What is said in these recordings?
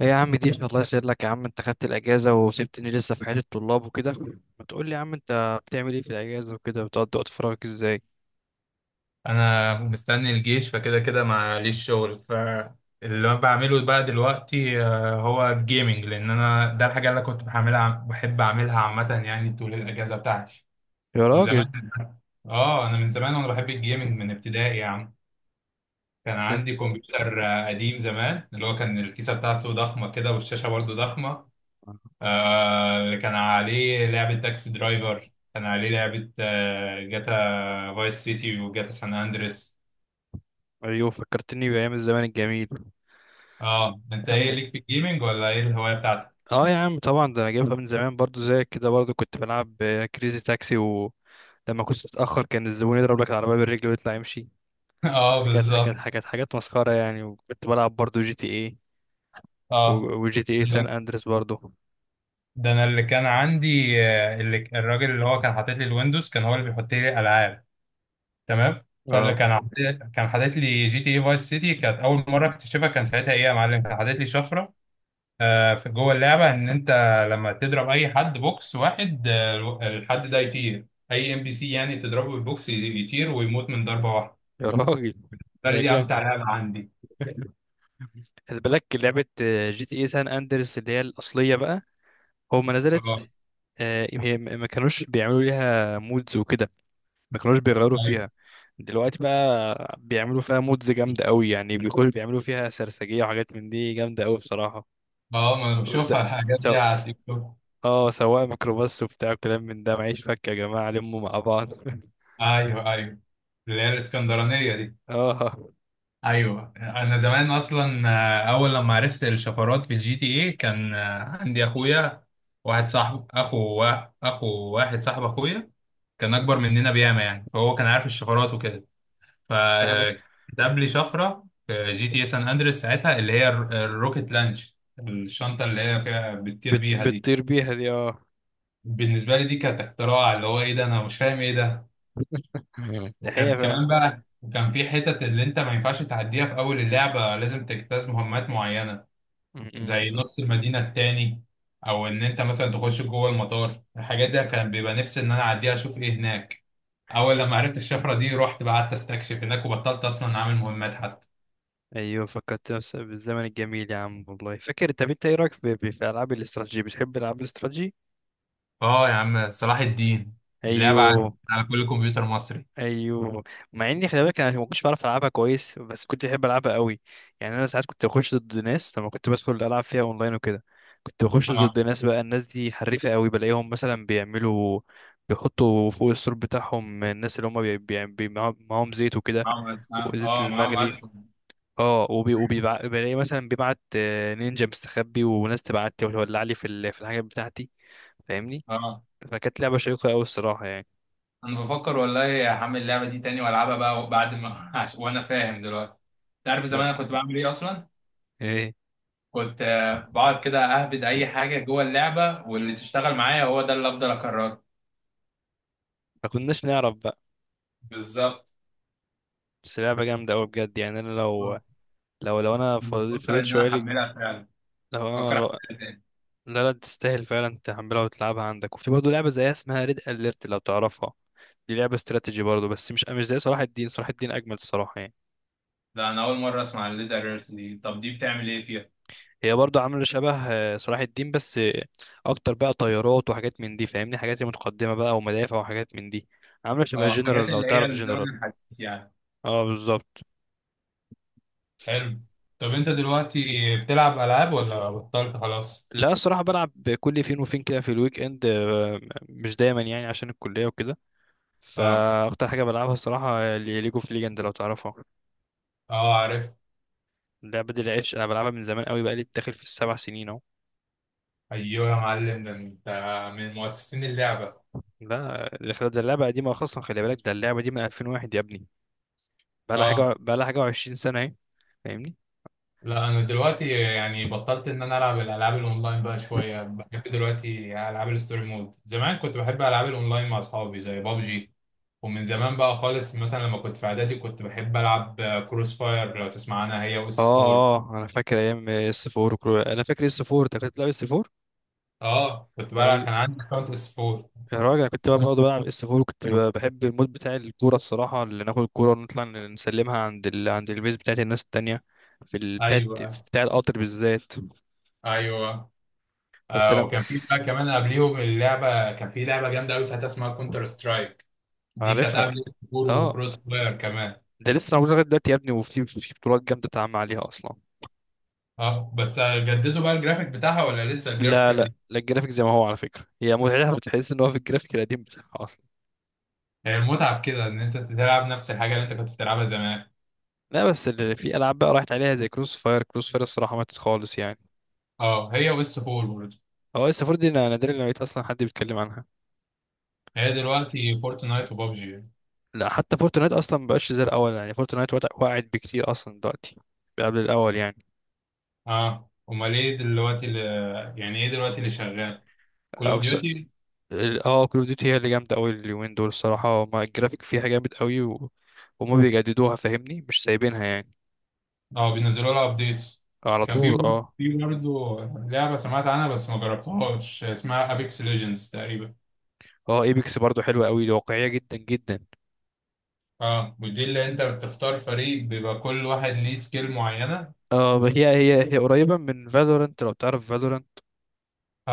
ايه يا عم دي، الله يسعدك يا عم، انت خدت الاجازه وسبتني لسه في حياه الطلاب وكده. ما تقول لي يا عم انت بتعمل ايه في الاجازه وكده، بتقضي وقت فراغك ازاي؟ انا مستني الجيش فكده كده معليش شغل فاللي انا بعمله بقى دلوقتي هو الجيمنج لان انا ده الحاجه اللي أنا كنت بعملها بحب اعملها عامه يعني طول الاجازه بتاعتي يا راجل وزمان. اه انا من زمان وانا بحب الجيمنج من ابتدائي يا عم. كان ده انت! عندي كمبيوتر قديم زمان اللي هو كان الكيسه بتاعته ضخمه كده والشاشه برضو ضخمه. اللي كان عليه لعبه تاكسي درايفر، كان عليه لعبه جاتا فايس سيتي وجاتا سان اندريس. ايوه فكرتني بايام الزمان الجميل اه انت يا عم. ايه ليك في الجيمنج ولا ايه الهوايه بتاعتك؟ اه يا عم طبعا، ده انا جايبها من زمان برضو زيك كده، برضو كنت بلعب كريزي تاكسي، ولما كنت تتاخر كان الزبون يضرب لك العربيه بالرجل ويطلع يمشي. اه ده كانت حاجات بالظبط. حاجات حاجات مسخره يعني، وكنت بلعب برضو جي تي ايه، اه وجي تي ايه سان اندريس برضو. ده انا اللي كان عندي اللي الراجل اللي هو كان حاطط لي الويندوز كان هو اللي بيحط لي الالعاب. تمام، فاللي اه كان حاطط لي جي تي اي فايس سيتي كانت اول مره اكتشفها، كان ساعتها ايه يا معلم كان حاطط لي شفره في جوه اللعبه ان انت لما تضرب اي حد بوكس واحد، الحد ده يطير. اي ام بي سي يعني تضربه بالبوكس يطير ويموت من ضربه واحده. يا راجل، قال لي دي ده امتع لعبه عندي. خلي بالك لعبة جي تي اي سان اندرس اللي هي الأصلية بقى، هو ما اه، نزلت ما كانوش بيعملوا ليها مودز وكده، ما كانوش بيغيروا أيوة. فيها. دلوقتي بقى بيعملوا فيها مودز جامدة قوي يعني، بيكونوا بيعملوا فيها سرسجية وحاجات من دي جامدة قوي بصراحة. اه ما انا وس... بشوفها الحاجات دي سو... على س- التيك توك. اه، سواق ميكروباص وبتاع كلام من ده، معيش فك يا جماعة لموا مع بعض. ايوه، ايوه، اللي هي الاسكندرانيه دي. اه، ايوه انا زمان اصلا اول لما عرفت الشفرات في الجي تي ايه كان عندي اخويا واحد صاحب اخو واحد صاحب اخويا كان اكبر مننا بياما يعني، فهو كان عارف الشفرات وكده. ده احنا. فكتب لي شفره في جي تي اي سان اندريس ساعتها اللي هي الروكت لانش، الشنطه اللي هي فيها بتطير بيها دي. بتطير بيها دي، اه. بالنسبه لي دي كانت اختراع، اللي هو ايه ده، انا مش فاهم ايه ده. دي حقيقة وكان فعلا. كمان بقى، وكان في حتت اللي انت ما ينفعش تعديها في اول اللعبة، لازم تجتاز مهمات معينة زي نص المدينة التاني او ان انت مثلا تخش جوه المطار. الحاجات دي كان بيبقى نفسي ان انا اعديها اشوف ايه هناك. اول لما عرفت الشفرة دي رحت بقى قعدت استكشف هناك وبطلت اصلا اعمل مهمات حتى. ايوه، بالزمن الجميل يا عم والله فاكر. طب انت ايه رايك في العاب الاستراتيجي، بتحب العاب الاستراتيجي؟ اه يا عم صلاح الدين، اللعبة على ايوه، على كل كمبيوتر مصري. ايوه. مع اني خلي بالك انا ما كنتش بعرف العبها كويس، بس كنت بحب العبها قوي يعني. انا ساعات كنت بخش ضد ناس، لما كنت بدخل العب فيها اونلاين وكده كنت بخش اه، ضد ناس، بقى الناس دي حريفه قوي، بلاقيهم مثلا بيعملوا، بيحطوا فوق السور بتاعهم، الناس اللي هم بي... بي... بي... معاهم معاهم زيت وكده، معاهم أسلحة، وزيت اه معاهم المغلي. أسلحة. اه، بلاقي مثلا بيبعت نينجا مستخبي، وناس تبعت لي وتولع لي في الحاجات بتاعتي، فاهمني؟ اه فكانت لعبه شيقه قوي الصراحه يعني. انا بفكر والله هعمل اللعبه دي تاني والعبها بقى بعد ما وانا فاهم دلوقتي. انت عارف زمان لا انا كنت بعمل ايه اصلا؟ ايه، كنت بقعد كده اهبد اي حاجه جوه اللعبه واللي تشتغل معايا هو ده اللي افضل اكرره. ما كناش نعرف بقى. بالظبط. بس لعبه جامده قوي بجد يعني. انا لو، أنا انا فضيت بفكر فضيت ان انا شويه لك، احملها فعلا، لو انا بفكر لو... احملها تاني. لا لا، تستاهل فعلا تحملها وتلعبها عندك. وفي برضه لعبه زيها اسمها ريد اليرت لو تعرفها، دي لعبه استراتيجي برضه، بس مش زي صلاح الدين، صلاح الدين اجمل الصراحه يعني. ده انا اول مره اسمع الليدر ايرث دي، طب دي بتعمل ايه فيها؟ هي برضه عامله شبه صلاح الدين، بس اكتر بقى، طيارات وحاجات من دي فاهمني، حاجات متقدمه بقى، ومدافع وحاجات من دي، عامله شبه اه، حاجات جنرال لو اللي هي تعرف جنرال. الزمن الحديث يعني. اه بالظبط. حلو. طب انت دلوقتي بتلعب العاب ولا بطلت خلاص؟ لا الصراحه بلعب، كل فين وفين كده في الويك اند، مش دايما يعني عشان الكليه وكده. اه، فاكتر حاجه بلعبها الصراحه ليج اوف ليجند لو تعرفها، اه عارف. اللعبه دي العيش، انا بلعبها من زمان قوي، بقى لي داخل في ال7 سنين اهو. ايوه يا معلم، ده انت من مؤسسين اللعبه. لا الف- ده اللعبه قديمه اصلا، خلي بالك ده اللعبه دي من 2001 يا ابني، بقى لها حاجه، اه، بقى لها حاجه و20 سنه اهي، فاهمني؟ لا انا دلوقتي يعني بطلت ان انا العب الالعاب الاونلاين بقى شويه، بحب دلوقتي العاب الستوري مود، زمان كنت بحب العاب الاونلاين مع اصحابي زي بابجي. ومن زمان بقى خالص مثلا لما كنت في اعدادي كنت بحب العب كروس فاير لو تسمع عنها، هي اه واس 4. اه، انا فاكر ايام اس 4 انا فاكر اس 4، انت كنت بتلعب اس 4؟ اه كنت بلعب، ايوه. كان عندي اكونت اس 4. يا راجل انا كنت بقى بقعد بلعب اس 4، وكنت بحب المود بتاع الكوره الصراحه، اللي ناخد الكوره ونطلع نسلمها عند البيز بتاعت الناس التانية، في ال... بتاعت في ايوه، بتاع القطر بالذات. ايوه. بس آه انا وكان في بقى كمان قبليهم اللعبه، كان في لعبه جامده قوي ساعتها اسمها كونتر سترايك. دي كانت عارفها. قبل سكور اه، وكروس فاير كمان. ده لسه موجود لغايه دلوقتي يا ابني، وفي في بطولات جامده اتعمل عليها اصلا. اه بس جددوا بقى الجرافيك بتاعها ولا لسه الجرافيك لا لا القديم؟ لا، الجرافيك زي ما هو على فكره، هي متعتها بتحس ان هو في الجرافيك القديم بتاعها اصلا. هي المتعة في كده ان انت تلعب نفس الحاجة اللي انت كنت بتلعبها زمان. لا بس اللي في العاب بقى راحت عليها زي كروس فاير، كروس فاير الصراحه ماتت خالص يعني. اه، هي ويس فول برضه. هو لسه فور، دي انا نادرا لما لقيت اصلا حد بيتكلم عنها. هي دلوقتي فورتنايت وبابجي. لا حتى فورتنايت اصلا مبقاش زي الاول يعني، فورتنايت وقعت بكتير اصلا دلوقتي، قبل الاول يعني. اه امال ايه دلوقتي اللي، يعني ايه دلوقتي اللي شغال؟ كول اوف او س... ديوتي. اه، كول اوف ديوتي هي اللي جامده قوي اليومين دول الصراحه، هما الجرافيك فيها جامد قوي و... وما بيجددوها فاهمني، مش سايبينها يعني. اه بينزلوا لها ابديتس. على كان في طول برضه، اه. لعبة سمعت عنها بس ما جربتهاش اسمها ابيكس ليجندز تقريبا. اه، ايبكس برضو حلوه قوي، واقعيه جدا جدا. اه، ودي اللي انت بتختار فريق بيبقى كل واحد ليه سكيل معينة. اه، هي قريبه من فالورانت لو تعرف فالورانت،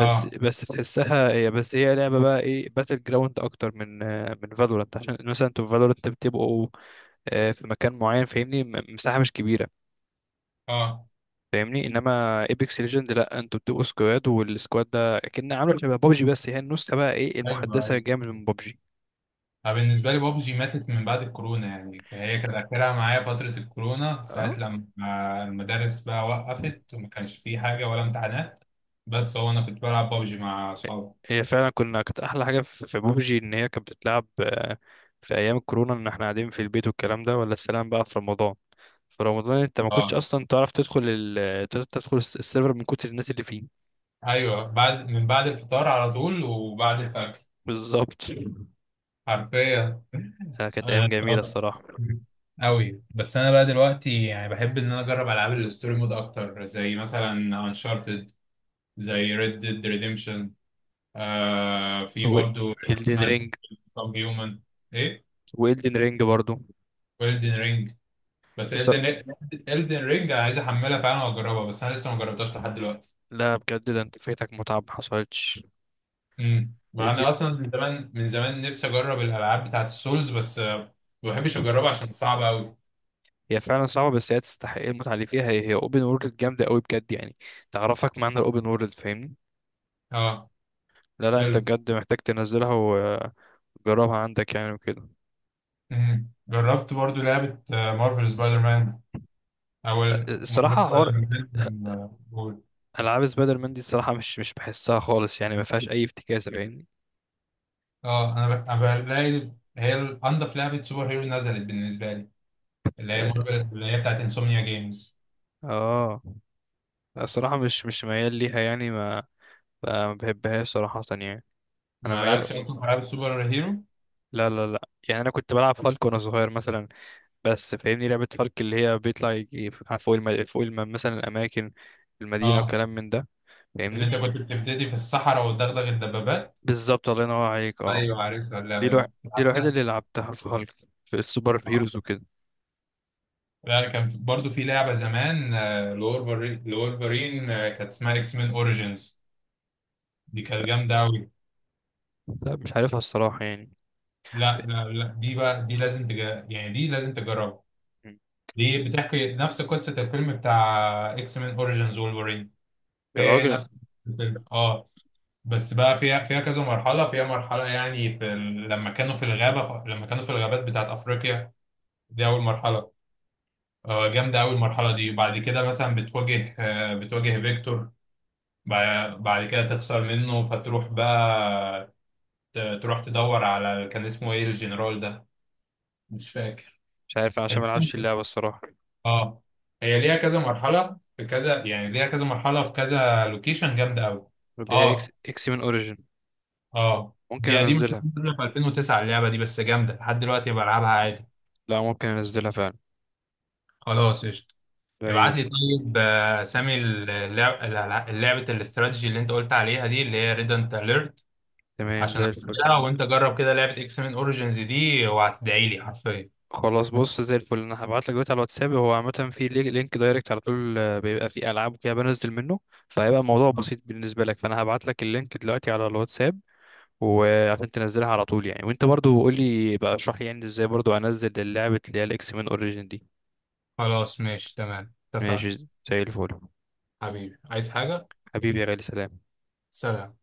بس بس تحسها هي، بس هي لعبه بقى ايه، باتل جراوند اكتر من من فالورانت، عشان مثلا انتوا في فالورانت بتبقوا في مكان معين فاهمني، مساحه مش كبيره اه، فاهمني. انما ايبكس ليجند لا، انتوا بتبقوا سكواد، والسكواد ده اكن عامله شبه بابجي، بس هي النسخه بقى ايه، ايوه، المحدثه ايوه. جامد من بابجي. أنا بالنسبه لي بابجي ماتت من بعد الكورونا يعني، فهي كان اخرها معايا فتره الكورونا اه، ساعه لما المدارس بقى وقفت وما كانش فيه حاجه ولا امتحانات. بس هو انا كنت بلعب بابجي مع اصحابي. هي فعلا كنا، كانت احلى حاجه في في بابجي ان هي كانت بتتلعب في ايام الكورونا، ان احنا قاعدين في البيت والكلام ده، ولا السلام بقى في رمضان. في رمضان انت ما كنتش اه اصلا تعرف تدخل السيرفر من كتر الناس اللي فيه. ايوه، بعد من بعد الفطار على طول وبعد الفجر، بالظبط، حرفيا. كانت ايام جميله طبعاً. الصراحه. أوي بس أنا بقى دلوقتي يعني بحب إن أنا أجرب ألعاب الستوري مود أكتر زي مثلا أنشارتد، زي ريد ديد ريديمشن. آه في هو برضو إلدن اسمها رينج، كام هيومن، ايه، وإلدن رينج برضو. ويلدن رينج، بس الدن، الدن رينج انا عايز احملها فعلا واجربها بس انا لسه ما جربتهاش لحد دلوقتي. لا بجد، ده انت فايتك متعة ما حصلتش. مع اني دي س- اصلا من زمان من زمان نفسي اجرب الالعاب بتاعت السولز بس ما بحبش اجربها عشان صعبه قوي. هي فعلا صعبة، بس هي تستحق المتعة اللي فيها، هي هي اوبن وورلد جامدة قوي بجد يعني، تعرفك معنى الاوبن وورلد فاهمني. اه. لا لا، انت حلو. بجد محتاج تنزلها وجربها عندك يعني وكده. جربت برضو لعبه مارفل سبايدر مان اول. مارفل الصراحة سبايدر حوار. مان قول. العاب سبايدر مان دي الصراحة مش بحسها خالص يعني، ما فيهاش اي افتكاسة فاهمني. اه أنا بلاقي هي انضف لعبه سوبر هيرو نزلت بالنسبه لي، اللي هي اه، مارفل اللي هي بتاعت انسomnia جيمز. آه. الصراحة مش ميال ليها يعني، ما بحبهاش صراحة يعني. انا ما لعبتش ميال. اصلا في العاب السوبر هيرو. لا يعني، انا كنت بلعب هالك وانا صغير مثلا، بس فاهمني لعبة هارك اللي هي بيطلع يجي مثلا الأماكن، المدينة اه، وكلام من ده، اللي فاهمني. انت كنت بتبتدي في الصحراء وتدغدغ الدبابات. بالظبط، الله ينور عليك اه. ايوه عارفها دي اللعبه الوح... دي دي الوحيدة لعبتها. اللي لعبتها في هالك، في السوبر اه، هيروز وكده. لا كانت برضو في لعبه زمان لولفرين، لولفرين كانت اسمها اكس مان اوريجينز، دي كانت جامده قوي. لا مش عارفها الصراحة يعني. لا، لا، لا، دي بقى يعني دي لازم تجربها. م. دي بتحكي نفس قصه الفيلم بتاع اكس مان اوريجينز وولفرين. يا هي هي راجل نفس الفيلم اه. بس بقى فيها كذا مرحلة، فيها مرحلة يعني لما كانوا في الغابة، لما كانوا في الغابات بتاعت أفريقيا، دي أول مرحلة. جامدة أوي المرحلة دي. بعد كده مثلا بتواجه بتواجه فيكتور. بعد كده تخسر منه فتروح بقى تروح تدور على كان اسمه إيه الجنرال ده، مش فاكر. مش عارف أنا عشان ما العبش اللعبة الصراحة. اه هي ليها كذا مرحلة في كذا، يعني ليها كذا مرحلة في كذا لوكيشن جامدة أوي. اللي هي اه. اكس من اوريجين. اه ممكن دي قديمه شويه، انزلها، نازله في 2009 اللعبه دي بس جامده لحد دلوقتي بلعبها عادي. لا ممكن انزلها فعلا. خلاص قشطه. زي ابعت لي الفل. طيب سامي اللعب لعبه الاستراتيجي اللي انت قلت عليها دي اللي هي ريدنت اليرت تمام عشان زي الفل. اعملها، وانت جرب كده لعبه اكس مان اوريجينز دي وهتدعي لي حرفيا. خلاص بص، زي الفل، انا هبعت لك دلوقتي على الواتساب، هو عامه في لينك دايركت على طول بيبقى فيه العاب وكده بنزل منه، فهيبقى الموضوع بسيط بالنسبه لك، فانا هبعت لك اللينك دلوقتي على الواتساب وعشان تنزلها على طول يعني. وانت برضو قول لي بقى، اشرح لي يعني ازاي برضو انزل اللعبه اللي هي الاكس مان اوريجين دي. خلاص ماشي تمام ماشي اتفقنا. زي الفل. حبيبي عايز حاجه؟ حبيبي يا غالي سلام. سلام.